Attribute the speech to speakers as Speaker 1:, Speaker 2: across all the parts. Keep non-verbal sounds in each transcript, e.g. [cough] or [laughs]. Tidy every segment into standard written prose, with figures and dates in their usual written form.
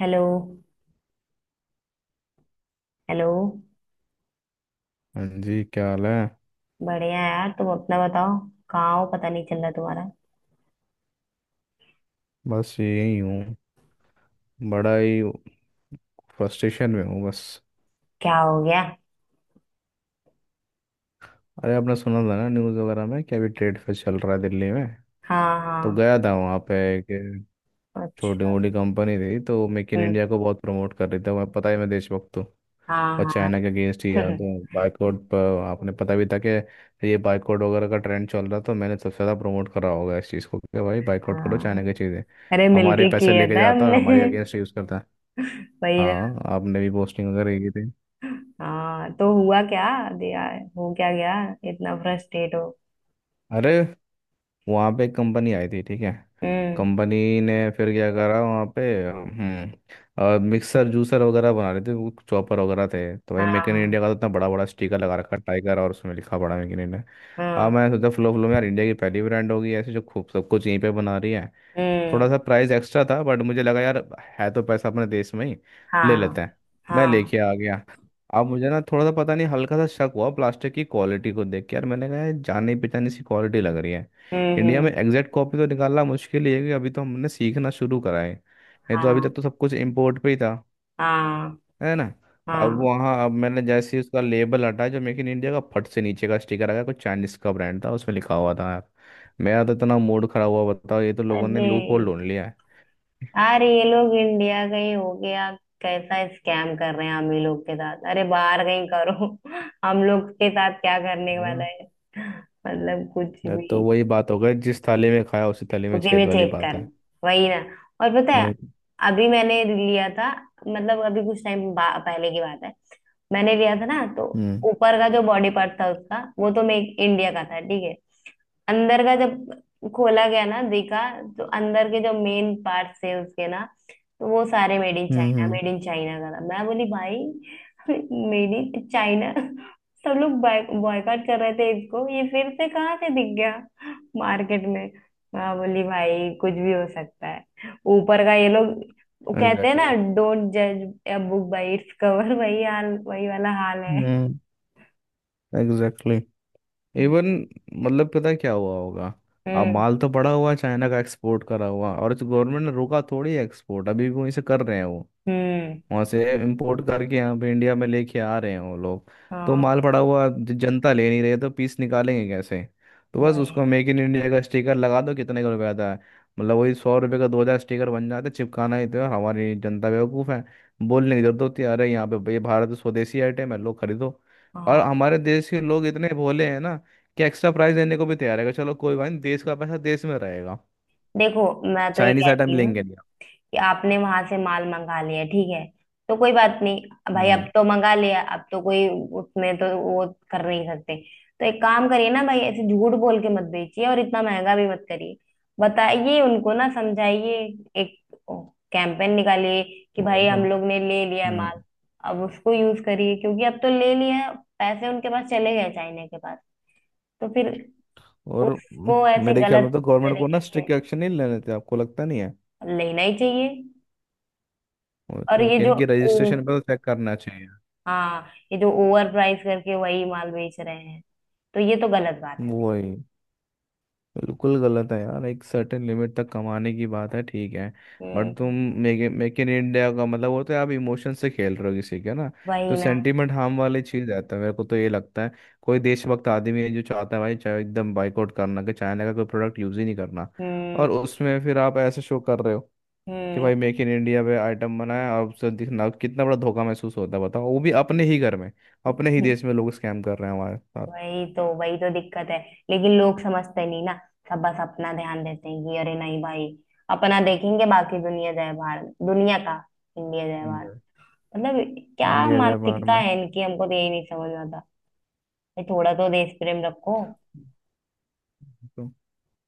Speaker 1: Hello. Hello.
Speaker 2: हाँ जी, क्या हाल है।
Speaker 1: बढ़िया यार, तुम अपना बताओ। कहाँ हो, पता नहीं चल रहा तुम्हारा।
Speaker 2: बस यही हूँ। बड़ा ही फ्रस्ट्रेशन में हूँ बस।
Speaker 1: क्या हो गया।
Speaker 2: अरे आपने सुना था ना न्यूज़ वगैरह में कि अभी ट्रेड फेयर चल रहा है दिल्ली में।
Speaker 1: हाँ
Speaker 2: तो
Speaker 1: हाँ।
Speaker 2: गया था वहाँ पे। एक छोटी
Speaker 1: अच्छा।
Speaker 2: मोटी कंपनी थी तो मेक इन
Speaker 1: हम्म।
Speaker 2: इंडिया को बहुत प्रमोट कर रही थी। मैं पता ही मैं देशभक्त हूँ
Speaker 1: हाँ
Speaker 2: और
Speaker 1: हाँ।
Speaker 2: चाइना के अगेंस्ट ही है तो।
Speaker 1: [laughs]
Speaker 2: बाइकआउट पर आपने पता भी था कि ये बाइकआउट वगैरह का ट्रेंड चल रहा, तो मैंने सबसे ज़्यादा प्रमोट करा होगा इस चीज़ को कि भाई बाइकआउट करो चाइना की
Speaker 1: हाँ।
Speaker 2: चीज़ें।
Speaker 1: अरे
Speaker 2: हमारे
Speaker 1: मिलके
Speaker 2: पैसे
Speaker 1: किया
Speaker 2: लेके
Speaker 1: था
Speaker 2: जाता है और
Speaker 1: हमने।
Speaker 2: हमारे
Speaker 1: [laughs]
Speaker 2: अगेंस्ट यूज़ करता है।
Speaker 1: वही ना।
Speaker 2: हाँ, आपने भी पोस्टिंग वगैरह की।
Speaker 1: हाँ, तो हुआ क्या, दिया, हो क्या गया, इतना फ्रस्ट्रेट हो।
Speaker 2: अरे वहाँ पे एक कंपनी आई थी, ठीक है।
Speaker 1: हम्म।
Speaker 2: कंपनी ने फिर क्या करा वहाँ पे। हम्म, मिक्सर जूसर वगैरह बना रहे थे, वो चॉपर वगैरह थे, तो भाई मेक इन
Speaker 1: हाँ
Speaker 2: इंडिया का तो इतना बड़ा बड़ा स्टिकर लगा रखा टाइगर और उसमें लिखा पड़ा मेक इन इंडिया। अब
Speaker 1: हाँ।
Speaker 2: मैं सोचा फ्लो फ्लो में यार इंडिया की पहली ब्रांड होगी ऐसे जो खूब सब कुछ यहीं पे बना रही है।
Speaker 1: हम्म।
Speaker 2: थोड़ा सा प्राइस एक्स्ट्रा था, बट मुझे लगा यार है तो पैसा अपने देश में ही, ले
Speaker 1: हाँ
Speaker 2: लेते हैं। मैं
Speaker 1: हाँ।
Speaker 2: लेके आ गया। अब मुझे ना थोड़ा सा पता नहीं हल्का सा शक हुआ प्लास्टिक की क्वालिटी को देख के। यार मैंने कहा यार जानी पहचानी सी क्वालिटी लग रही है।
Speaker 1: हम्म।
Speaker 2: इंडिया में
Speaker 1: हम्म।
Speaker 2: एग्जैक्ट कॉपी तो निकालना मुश्किल ही है कि अभी तो हमने सीखना शुरू करा है। नहीं तो अभी
Speaker 1: हाँ
Speaker 2: तक तो सब कुछ इम्पोर्ट पे ही था,
Speaker 1: हाँ।
Speaker 2: है ना। अब
Speaker 1: हाँ।
Speaker 2: वहाँ अब मैंने जैसे ही उसका लेबल हटाया जो मेक इन इंडिया का, फट से नीचे का स्टिकर आ गया, कुछ चाइनीज का ब्रांड था, उसमें लिखा हुआ था यार। मेरा तो इतना मूड खराब हुआ, बताओ। ये तो लोगों ने
Speaker 1: अरे
Speaker 2: लूप होल ढूंढ लिया है।
Speaker 1: यार, ये लोग इंडिया गए हो गया। कैसा स्कैम कर रहे हैं हम ही लोग के साथ। अरे बाहर कहीं करो। [laughs] हम लोग के साथ क्या करने वाला
Speaker 2: और
Speaker 1: है। मतलब कुछ
Speaker 2: तो
Speaker 1: भी।
Speaker 2: वही बात हो गई, जिस थाली में खाया उसी थाली में
Speaker 1: उसी में
Speaker 2: छेद वाली
Speaker 1: चेक
Speaker 2: बात है।
Speaker 1: करना। वही ना। और पता है,
Speaker 2: और-
Speaker 1: अभी मैंने लिया था, मतलब अभी कुछ टाइम पहले की बात है। मैंने लिया था ना तो
Speaker 2: हम्म।
Speaker 1: ऊपर का जो बॉडी पार्ट था उसका, वो तो मैं इंडिया का था, ठीक है। अंदर का जब खोला गया ना, देखा तो अंदर के जो मेन पार्ट थे उसके ना, तो वो सारे मेड इन चाइना,
Speaker 2: हम्म।
Speaker 1: मेड इन चाइना का था। मैं बोली भाई, [laughs] मेड इन चाइना। सब लोग बॉयकॉट कर रहे थे इसको, ये फिर से कहाँ से दिख गया मार्केट में। मैं बोली भाई, कुछ भी हो सकता है। ऊपर का ये लोग, वो कहते हैं ना,
Speaker 2: एग्जैक्टली।
Speaker 1: डोंट जज a book by its cover. [laughs] वही हाल, वही वाला हाल है।
Speaker 2: हम्म। एग्जैक्टली। इवन मतलब पता है क्या हुआ होगा। अब
Speaker 1: हम्म
Speaker 2: माल तो पड़ा हुआ है, चाइना का एक्सपोर्ट करा हुआ, और गवर्नमेंट ने रोका थोड़ी, एक्सपोर्ट अभी भी वहीं से कर रहे हैं वो।
Speaker 1: हम्म।
Speaker 2: वहां से इम्पोर्ट करके यहाँ पे इंडिया में लेके आ रहे हैं वो लोग। तो माल
Speaker 1: हाँ।
Speaker 2: पड़ा हुआ, जनता ले नहीं रही है, तो पीस निकालेंगे कैसे। तो बस
Speaker 1: वही।
Speaker 2: उसको मेक इन इंडिया का स्टिकर लगा दो, कितने का रुपया आता है। मतलब वही 100 रुपये का 2 हज़ार स्टिकर बन जाता है, चिपकाना ही तो है। हमारी जनता बेवकूफ़ है। बोलने की जरूरत होती है अरे यहाँ पे ये भारत स्वदेशी आइटम है, लोग खरीदो। और
Speaker 1: हाँ।
Speaker 2: हमारे देश के लोग इतने भोले हैं ना कि एक्स्ट्रा प्राइस देने को भी तैयार है, चलो कोई बात नहीं, देश का पैसा देश में रहेगा,
Speaker 1: देखो, मैं तो ये
Speaker 2: चाइनीस आइटम
Speaker 1: कहती हूँ
Speaker 2: लेंगे नहीं।
Speaker 1: कि आपने वहां से माल मंगा लिया, ठीक है, तो कोई बात नहीं भाई, अब
Speaker 2: हम्म।
Speaker 1: तो मंगा लिया, अब तो कोई उसमें तो वो कर नहीं सकते। तो एक काम करिए ना भाई, ऐसे झूठ बोल के मत बेचिए और इतना महंगा भी मत करिए। बताइए उनको, ना समझाइए। एक कैंपेन निकालिए कि भाई
Speaker 2: और तो।
Speaker 1: हम लोग ने ले लिया है माल,
Speaker 2: हम्म।
Speaker 1: अब उसको यूज करिए, क्योंकि अब तो ले लिया है, पैसे उनके पास चले गए चाइना के पास। तो फिर
Speaker 2: और
Speaker 1: उसको ऐसे
Speaker 2: मेरे ख्याल में
Speaker 1: गलत
Speaker 2: तो गवर्नमेंट को
Speaker 1: तरीके
Speaker 2: ना
Speaker 1: से
Speaker 2: स्ट्रिक्ट एक्शन नहीं लेने थे, आपको लगता नहीं है।
Speaker 1: लेना ही चाहिए।
Speaker 2: वो
Speaker 1: और
Speaker 2: तो
Speaker 1: ये
Speaker 2: कि
Speaker 1: जो,
Speaker 2: इनकी रजिस्ट्रेशन पे तो चेक करना चाहिए।
Speaker 1: हाँ, ये जो ओवर प्राइस करके वही माल बेच रहे हैं, तो ये तो गलत बात है भाई।
Speaker 2: वही। बिल्कुल गलत है यार। एक सर्टेन लिमिट तक कमाने की बात है, ठीक है। बट
Speaker 1: हम्म।
Speaker 2: तुम मेक मेक इन इंडिया का मतलब, वो तो आप इमोशन से खेल रहे हो किसी के ना।
Speaker 1: वही
Speaker 2: तो
Speaker 1: ना।
Speaker 2: सेंटीमेंट हार्म वाली चीज़ रहता है, मेरे को तो ये लगता है। कोई देशभक्त आदमी है जो चाहता है भाई चाहे एकदम बाइकआउट करना कि चाइना का कोई प्रोडक्ट यूज़ ही नहीं करना।
Speaker 1: हम्म।
Speaker 2: और उसमें फिर आप ऐसे शो कर रहे हो कि
Speaker 1: हम्म।
Speaker 2: भाई मेक इन इंडिया पे आइटम बनाया, और उससे दिखना, कितना बड़ा धोखा महसूस होता है बताओ, वो भी अपने ही घर में। अपने ही देश में लोग स्कैम कर रहे हैं हमारे साथ।
Speaker 1: वही तो दिक्कत है, लेकिन लोग समझते नहीं ना। सब बस अपना ध्यान देते हैं कि अरे नहीं भाई, अपना देखेंगे, बाकी दुनिया जाए बाहर, दुनिया का, इंडिया जाए बाहर।
Speaker 2: हम्म।
Speaker 1: मतलब क्या
Speaker 2: इंडिया जाए बाहर
Speaker 1: मानसिकता
Speaker 2: में।
Speaker 1: है इनकी, हमको तो यही नहीं समझ में आता। भाई थोड़ा तो देश प्रेम रखो।
Speaker 2: तो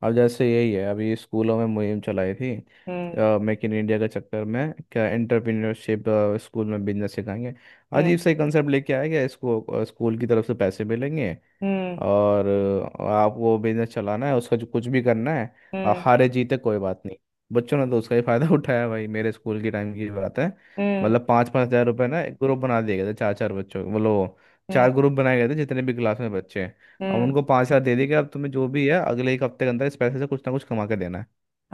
Speaker 2: अब जैसे यही है, अभी स्कूलों में मुहिम चलाई थी।
Speaker 1: हम्म।
Speaker 2: मेक इन इंडिया के चक्कर में क्या एंटरप्रेन्योरशिप, स्कूल में बिजनेस सिखाएंगे।
Speaker 1: हम्म।
Speaker 2: अजीब सा कंसेप्ट लेके आया गया इसको। स्कूल की तरफ से पैसे मिलेंगे
Speaker 1: हम्म।
Speaker 2: और आपको बिजनेस चलाना है, उसका जो कुछ भी करना है। आप
Speaker 1: हम्म।
Speaker 2: हारे जीते कोई बात नहीं। बच्चों ने तो उसका ही फायदा [laughs] उठाया भाई। मेरे स्कूल की टाइम की बात है।
Speaker 1: हम्म।
Speaker 2: मतलब पाँच पाँच हजार रुपए ना, एक ग्रुप बना दिए गए थे चार चार बच्चों के, बोलो।
Speaker 1: हम्म।
Speaker 2: चार ग्रुप बनाए गए थे जितने भी क्लास में बच्चे हैं। अब
Speaker 1: हम्म।
Speaker 2: उनको 5 हजार दे दिए कि अब तुम्हें जो भी है अगले 1 हफ्ते के अंदर इस पैसे से कुछ ना कुछ कमा के देना है।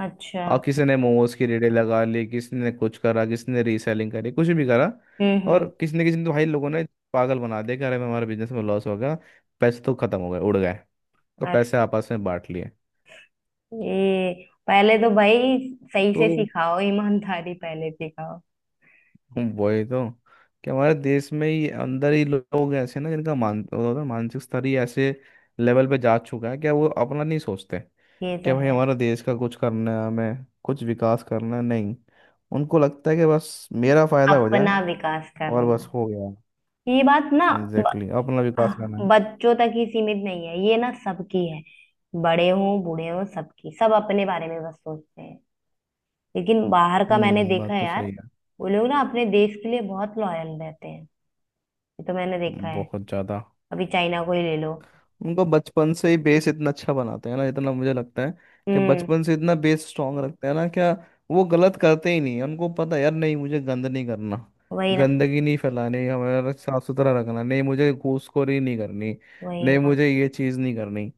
Speaker 1: अच्छा।
Speaker 2: और किसी ने मोमोज की रेडी लगा ली, किसी ने कुछ करा, किसी ने रीसेलिंग करी, कुछ भी करा।
Speaker 1: हम्म।
Speaker 2: और
Speaker 1: हम्म।
Speaker 2: किसी ने तो भाई, लोगों ने पागल बना दिया कि अरे हमारे बिजनेस में लॉस हो गया, पैसे तो खत्म हो गए, उड़ गए, तो
Speaker 1: अरे
Speaker 2: पैसे आपस में बांट लिए।
Speaker 1: पहले तो भाई सही
Speaker 2: तो
Speaker 1: से सिखाओ, ईमानदारी पहले सिखाओ।
Speaker 2: हम वही तो, कि हमारे देश में ही अंदर ही लोग ऐसे ना, जिनका मान वो होता है, मानसिक स्तर ही ऐसे लेवल पे जा चुका है, क्या वो अपना नहीं सोचते।
Speaker 1: ये तो
Speaker 2: क्या भाई
Speaker 1: है।
Speaker 2: हमारा देश का कुछ करना है, हमें कुछ विकास करना है, नहीं। उनको लगता है कि बस मेरा फायदा हो जाए
Speaker 1: अपना विकास
Speaker 2: और
Speaker 1: करना
Speaker 2: बस हो गया।
Speaker 1: है। ये बात ना, ब,
Speaker 2: एग्जैक्टली, exactly, अपना विकास करना है।
Speaker 1: बच्चों तक ही सीमित नहीं है ये ना, सबकी है। बड़े हों, बूढ़े हों, सबकी सब अपने बारे में बस सोचते हैं। लेकिन बाहर का मैंने
Speaker 2: हम्म,
Speaker 1: देखा
Speaker 2: बात
Speaker 1: है
Speaker 2: तो
Speaker 1: यार,
Speaker 2: सही है।
Speaker 1: वो लोग ना अपने देश के लिए बहुत लॉयल रहते हैं। ये तो मैंने देखा है।
Speaker 2: बहुत ज़्यादा।
Speaker 1: अभी चाइना को ही ले लो।
Speaker 2: उनको बचपन से ही बेस इतना अच्छा बनाते हैं ना, इतना मुझे लगता है कि
Speaker 1: हम्म।
Speaker 2: बचपन से इतना बेस स्ट्रांग रखते हैं ना क्या, वो गलत करते ही नहीं हैं। उनको पता है, यार नहीं मुझे गंद नहीं करना,
Speaker 1: वही ना।
Speaker 2: गंदगी नहीं फैलानी, हमारा साफ सुथरा रखना, नहीं मुझे घूसखोरी नहीं करनी,
Speaker 1: वही
Speaker 2: नहीं
Speaker 1: ना।
Speaker 2: मुझे ये चीज़ नहीं करनी।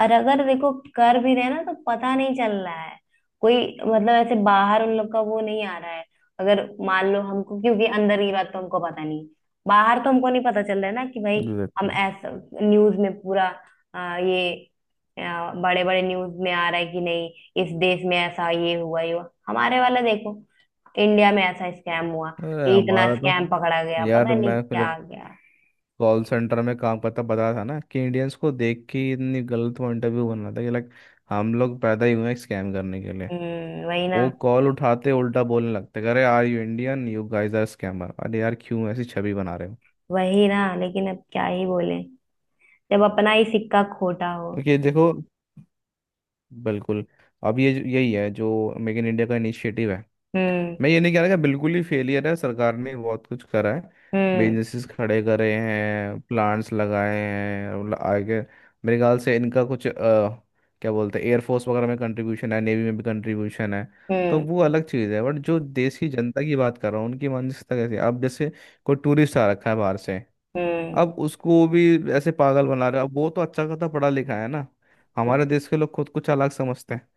Speaker 1: और अगर देखो कर भी रहे हैं ना तो पता नहीं चल रहा है, कोई, मतलब ऐसे बाहर उन लोग का वो नहीं आ रहा है। अगर मान लो हमको, क्योंकि अंदर की बात तो हमको पता नहीं, बाहर तो हमको नहीं पता चल रहा है ना कि भाई हम
Speaker 2: एग्जैक्टली।
Speaker 1: ऐसा। न्यूज में पूरा ये बड़े बड़े न्यूज में आ रहा है कि नहीं, इस देश में ऐसा ये हुआ, ये हुआ, हमारे वाला देखो, इंडिया में ऐसा स्कैम हुआ,
Speaker 2: अरे
Speaker 1: ये इतना
Speaker 2: हमारा तो,
Speaker 1: स्कैम पकड़ा गया, पता
Speaker 2: यार
Speaker 1: नहीं
Speaker 2: मैं
Speaker 1: क्या
Speaker 2: जब
Speaker 1: आ गया।
Speaker 2: कॉल सेंटर में काम करता, पता था ना कि इंडियंस को देख के ही, इतनी गलत वो इंटरव्यू बना था कि लाइक हम लोग पैदा ही हुए हैं स्कैम करने के लिए।
Speaker 1: हम्म। वही
Speaker 2: वो
Speaker 1: ना।
Speaker 2: कॉल उठाते उल्टा बोलने लगते, अरे are you Indian, you guys are scammer. अरे यार क्यों ऐसी छवि बना रहे हो।
Speaker 1: वही ना, लेकिन अब क्या ही बोले, जब अपना ही सिक्का खोटा हो।
Speaker 2: ओके देखो। बिल्कुल। अब ये यही है जो मेक इन इंडिया का इनिशिएटिव है।
Speaker 1: हम्म।
Speaker 2: मैं ये नहीं कह रहा कि बिल्कुल ही फेलियर है, सरकार ने बहुत कुछ करा है,
Speaker 1: हम्म।
Speaker 2: बिजनेसेस खड़े करे हैं, प्लांट्स लगाए हैं, और आगे मेरे ख्याल से इनका कुछ क्या बोलते हैं, एयरफोर्स वगैरह में कंट्रीब्यूशन है, नेवी में भी कंट्रीब्यूशन है। तो
Speaker 1: हम्म।
Speaker 2: वो अलग चीज़ है, बट जो देश की जनता की बात कर रहा हूँ, उनकी मानसिकता कैसी है। अब जैसे कोई टूरिस्ट आ रखा है बाहर से,
Speaker 1: हम्म।
Speaker 2: अब उसको भी ऐसे पागल बना रहे हैं। अब वो तो अच्छा खासा पढ़ा लिखा है ना, हमारे देश के लोग खुद कुछ अलग समझते हैं,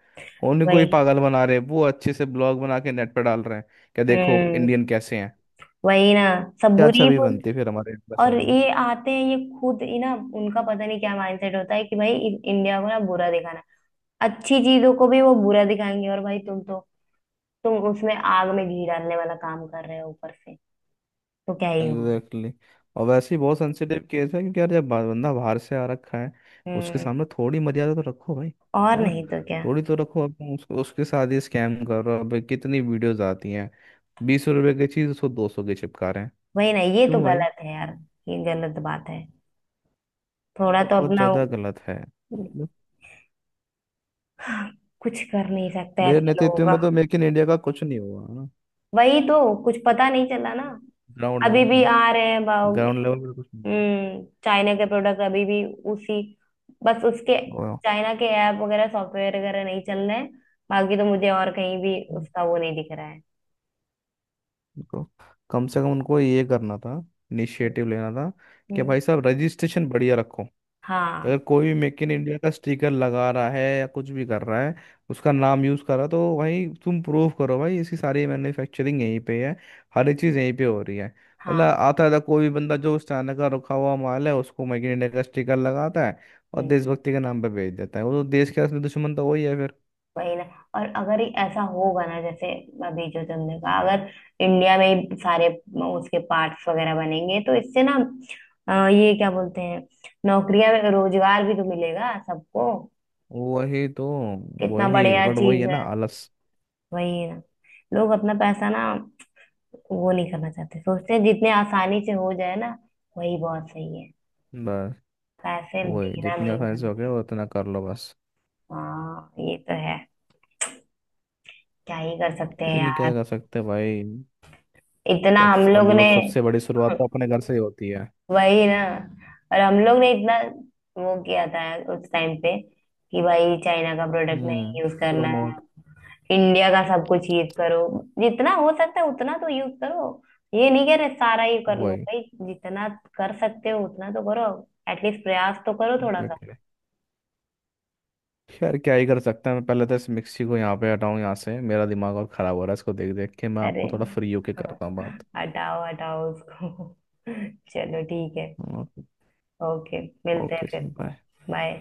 Speaker 2: उन्हीं को ही
Speaker 1: वही।
Speaker 2: पागल बना रहे हैं। वो अच्छे से ब्लॉग बना के नेट पे डाल रहे हैं, क्या देखो
Speaker 1: हम्म।
Speaker 2: इंडियन कैसे हैं।
Speaker 1: वही ना, सब
Speaker 2: क्या
Speaker 1: बुरी ही
Speaker 2: छवि
Speaker 1: बुरी।
Speaker 2: बनती है फिर हमारे इंप्रेशन
Speaker 1: और
Speaker 2: में।
Speaker 1: ये आते हैं ये खुद ही ना, उनका पता नहीं क्या माइंडसेट होता है कि भाई इंडिया को ना बुरा दिखाना, अच्छी चीजों को भी वो बुरा दिखाएंगे, और भाई तुम तो, तुम उसमें आग में घी डालने वाला काम कर रहे हो ऊपर से, तो क्या ही होगा।
Speaker 2: Exactly, exactly. और वैसे ही बहुत सेंसिटिव केस है, क्योंकि यार जब बंदा बाहर से आ रखा है, उसके
Speaker 1: हम्म।
Speaker 2: सामने थोड़ी मर्यादा तो रखो भाई।
Speaker 1: और
Speaker 2: है ना।
Speaker 1: नहीं तो क्या।
Speaker 2: थोड़ी तो रखो। अब तुम उसको, उसके साथ ही स्कैम कर रहे हो। अब कितनी वीडियोज आती हैं, 20 रुपए की चीज़ उसको 200 की चिपका रहे हैं।
Speaker 1: वही ना, ये तो
Speaker 2: क्यों भाई।
Speaker 1: गलत है यार, ये गलत बात है। थोड़ा तो
Speaker 2: बहुत
Speaker 1: अपना,
Speaker 2: ज्यादा गलत है मतलब।
Speaker 1: कुछ कर नहीं सकते
Speaker 2: मेरे
Speaker 1: ऐसे लोगों
Speaker 2: नेतृत्व
Speaker 1: का।
Speaker 2: में तो मेक इन इंडिया का कुछ नहीं हुआ है ना,
Speaker 1: वही तो, कुछ पता नहीं चला ना।
Speaker 2: ग्राउंड
Speaker 1: अभी
Speaker 2: लेवल
Speaker 1: भी
Speaker 2: का।
Speaker 1: आ रहे हैं भाव।
Speaker 2: ग्राउंड लेवल पे कुछ नहीं
Speaker 1: हम्म, चाइना के प्रोडक्ट अभी भी उसी, बस उसके
Speaker 2: हुआ
Speaker 1: चाइना के ऐप वगैरह, सॉफ्टवेयर वगैरह नहीं चल रहे हैं, बाकी तो मुझे और कहीं भी उसका वो नहीं दिख रहा है।
Speaker 2: उनको, कम से कम उनको ये करना था, इनिशिएटिव लेना था कि
Speaker 1: हम्म।
Speaker 2: भाई साहब रजिस्ट्रेशन बढ़िया रखो।
Speaker 1: हाँ।
Speaker 2: अगर कोई भी मेक इन इंडिया का स्टिकर लगा रहा है या कुछ भी कर रहा है, उसका नाम यूज कर रहा है, तो भाई तुम प्रूव करो भाई इसकी सारी मैन्युफैक्चरिंग यहीं पे है, हर एक चीज यहीं पे हो रही है। मतलब
Speaker 1: हाँ।
Speaker 2: आता था कोई भी बंदा, जो उस चाइना का रखा हुआ माल है उसको मेक इन इंडिया का स्टिकर लगाता है और
Speaker 1: हम्म।
Speaker 2: देशभक्ति के नाम पे बेच देता है, वो तो देश का असली दुश्मन तो वही है फिर।
Speaker 1: वही ना। और अगर ये ऐसा होगा ना जैसे अभी जो तुमने कहा, अगर इंडिया में ही सारे उसके पार्ट्स वगैरह बनेंगे, तो इससे ना ये क्या बोलते हैं, नौकरियां में रोजगार भी तो मिलेगा सबको।
Speaker 2: वही तो।
Speaker 1: कितना
Speaker 2: वही
Speaker 1: बढ़िया
Speaker 2: बट वही
Speaker 1: चीज
Speaker 2: है
Speaker 1: है।
Speaker 2: ना, आलस।
Speaker 1: वही ना, लोग अपना पैसा ना, वो नहीं करना चाहते, सोचते हैं जितने आसानी से हो जाए ना। वही बहुत सही है।
Speaker 2: बस
Speaker 1: पैसे
Speaker 2: वही,
Speaker 1: देना
Speaker 2: जितनी
Speaker 1: नहीं
Speaker 2: आसानी से हो गया
Speaker 1: जानते।
Speaker 2: उतना कर लो बस।
Speaker 1: हाँ ये तो है। क्या ही कर सकते हैं
Speaker 2: लेकिन क्या
Speaker 1: यार।
Speaker 2: कर सकते हैं भाई।
Speaker 1: इतना
Speaker 2: सब
Speaker 1: हम
Speaker 2: सब-
Speaker 1: लोग
Speaker 2: मतलब
Speaker 1: ने
Speaker 2: सबसे बड़ी शुरुआत तो अपने घर से ही होती है।
Speaker 1: वही ना। और हम लोग ने इतना वो किया था उस टाइम पे कि भाई चाइना का प्रोडक्ट
Speaker 2: हम्म।
Speaker 1: नहीं यूज करना है,
Speaker 2: प्रमोट।
Speaker 1: इंडिया का सब कुछ यूज करो। जितना हो सकता है उतना तो यूज करो, ये नहीं कह रहे सारा ही कर लो
Speaker 2: वही।
Speaker 1: भाई, जितना कर सकते हो उतना तो करो। एटलीस्ट प्रयास तो करो थोड़ा सा।
Speaker 2: एग्जैक्टली। खैर क्या ही कर सकते हैं, मैं पहले तो इस मिक्सी को यहाँ पे हटाऊं, यहाँ से मेरा दिमाग और ख़राब हो रहा है इसको देख देख के। मैं
Speaker 1: अरे,
Speaker 2: आपको थोड़ा फ्री होके करता हूँ
Speaker 1: [laughs]
Speaker 2: बात।
Speaker 1: हटाओ हटाओ उसको। [laughs] चलो ठीक है।
Speaker 2: ओके।
Speaker 1: ओके, मिलते हैं
Speaker 2: ओके जी,
Speaker 1: फिर।
Speaker 2: बाय।
Speaker 1: बाय।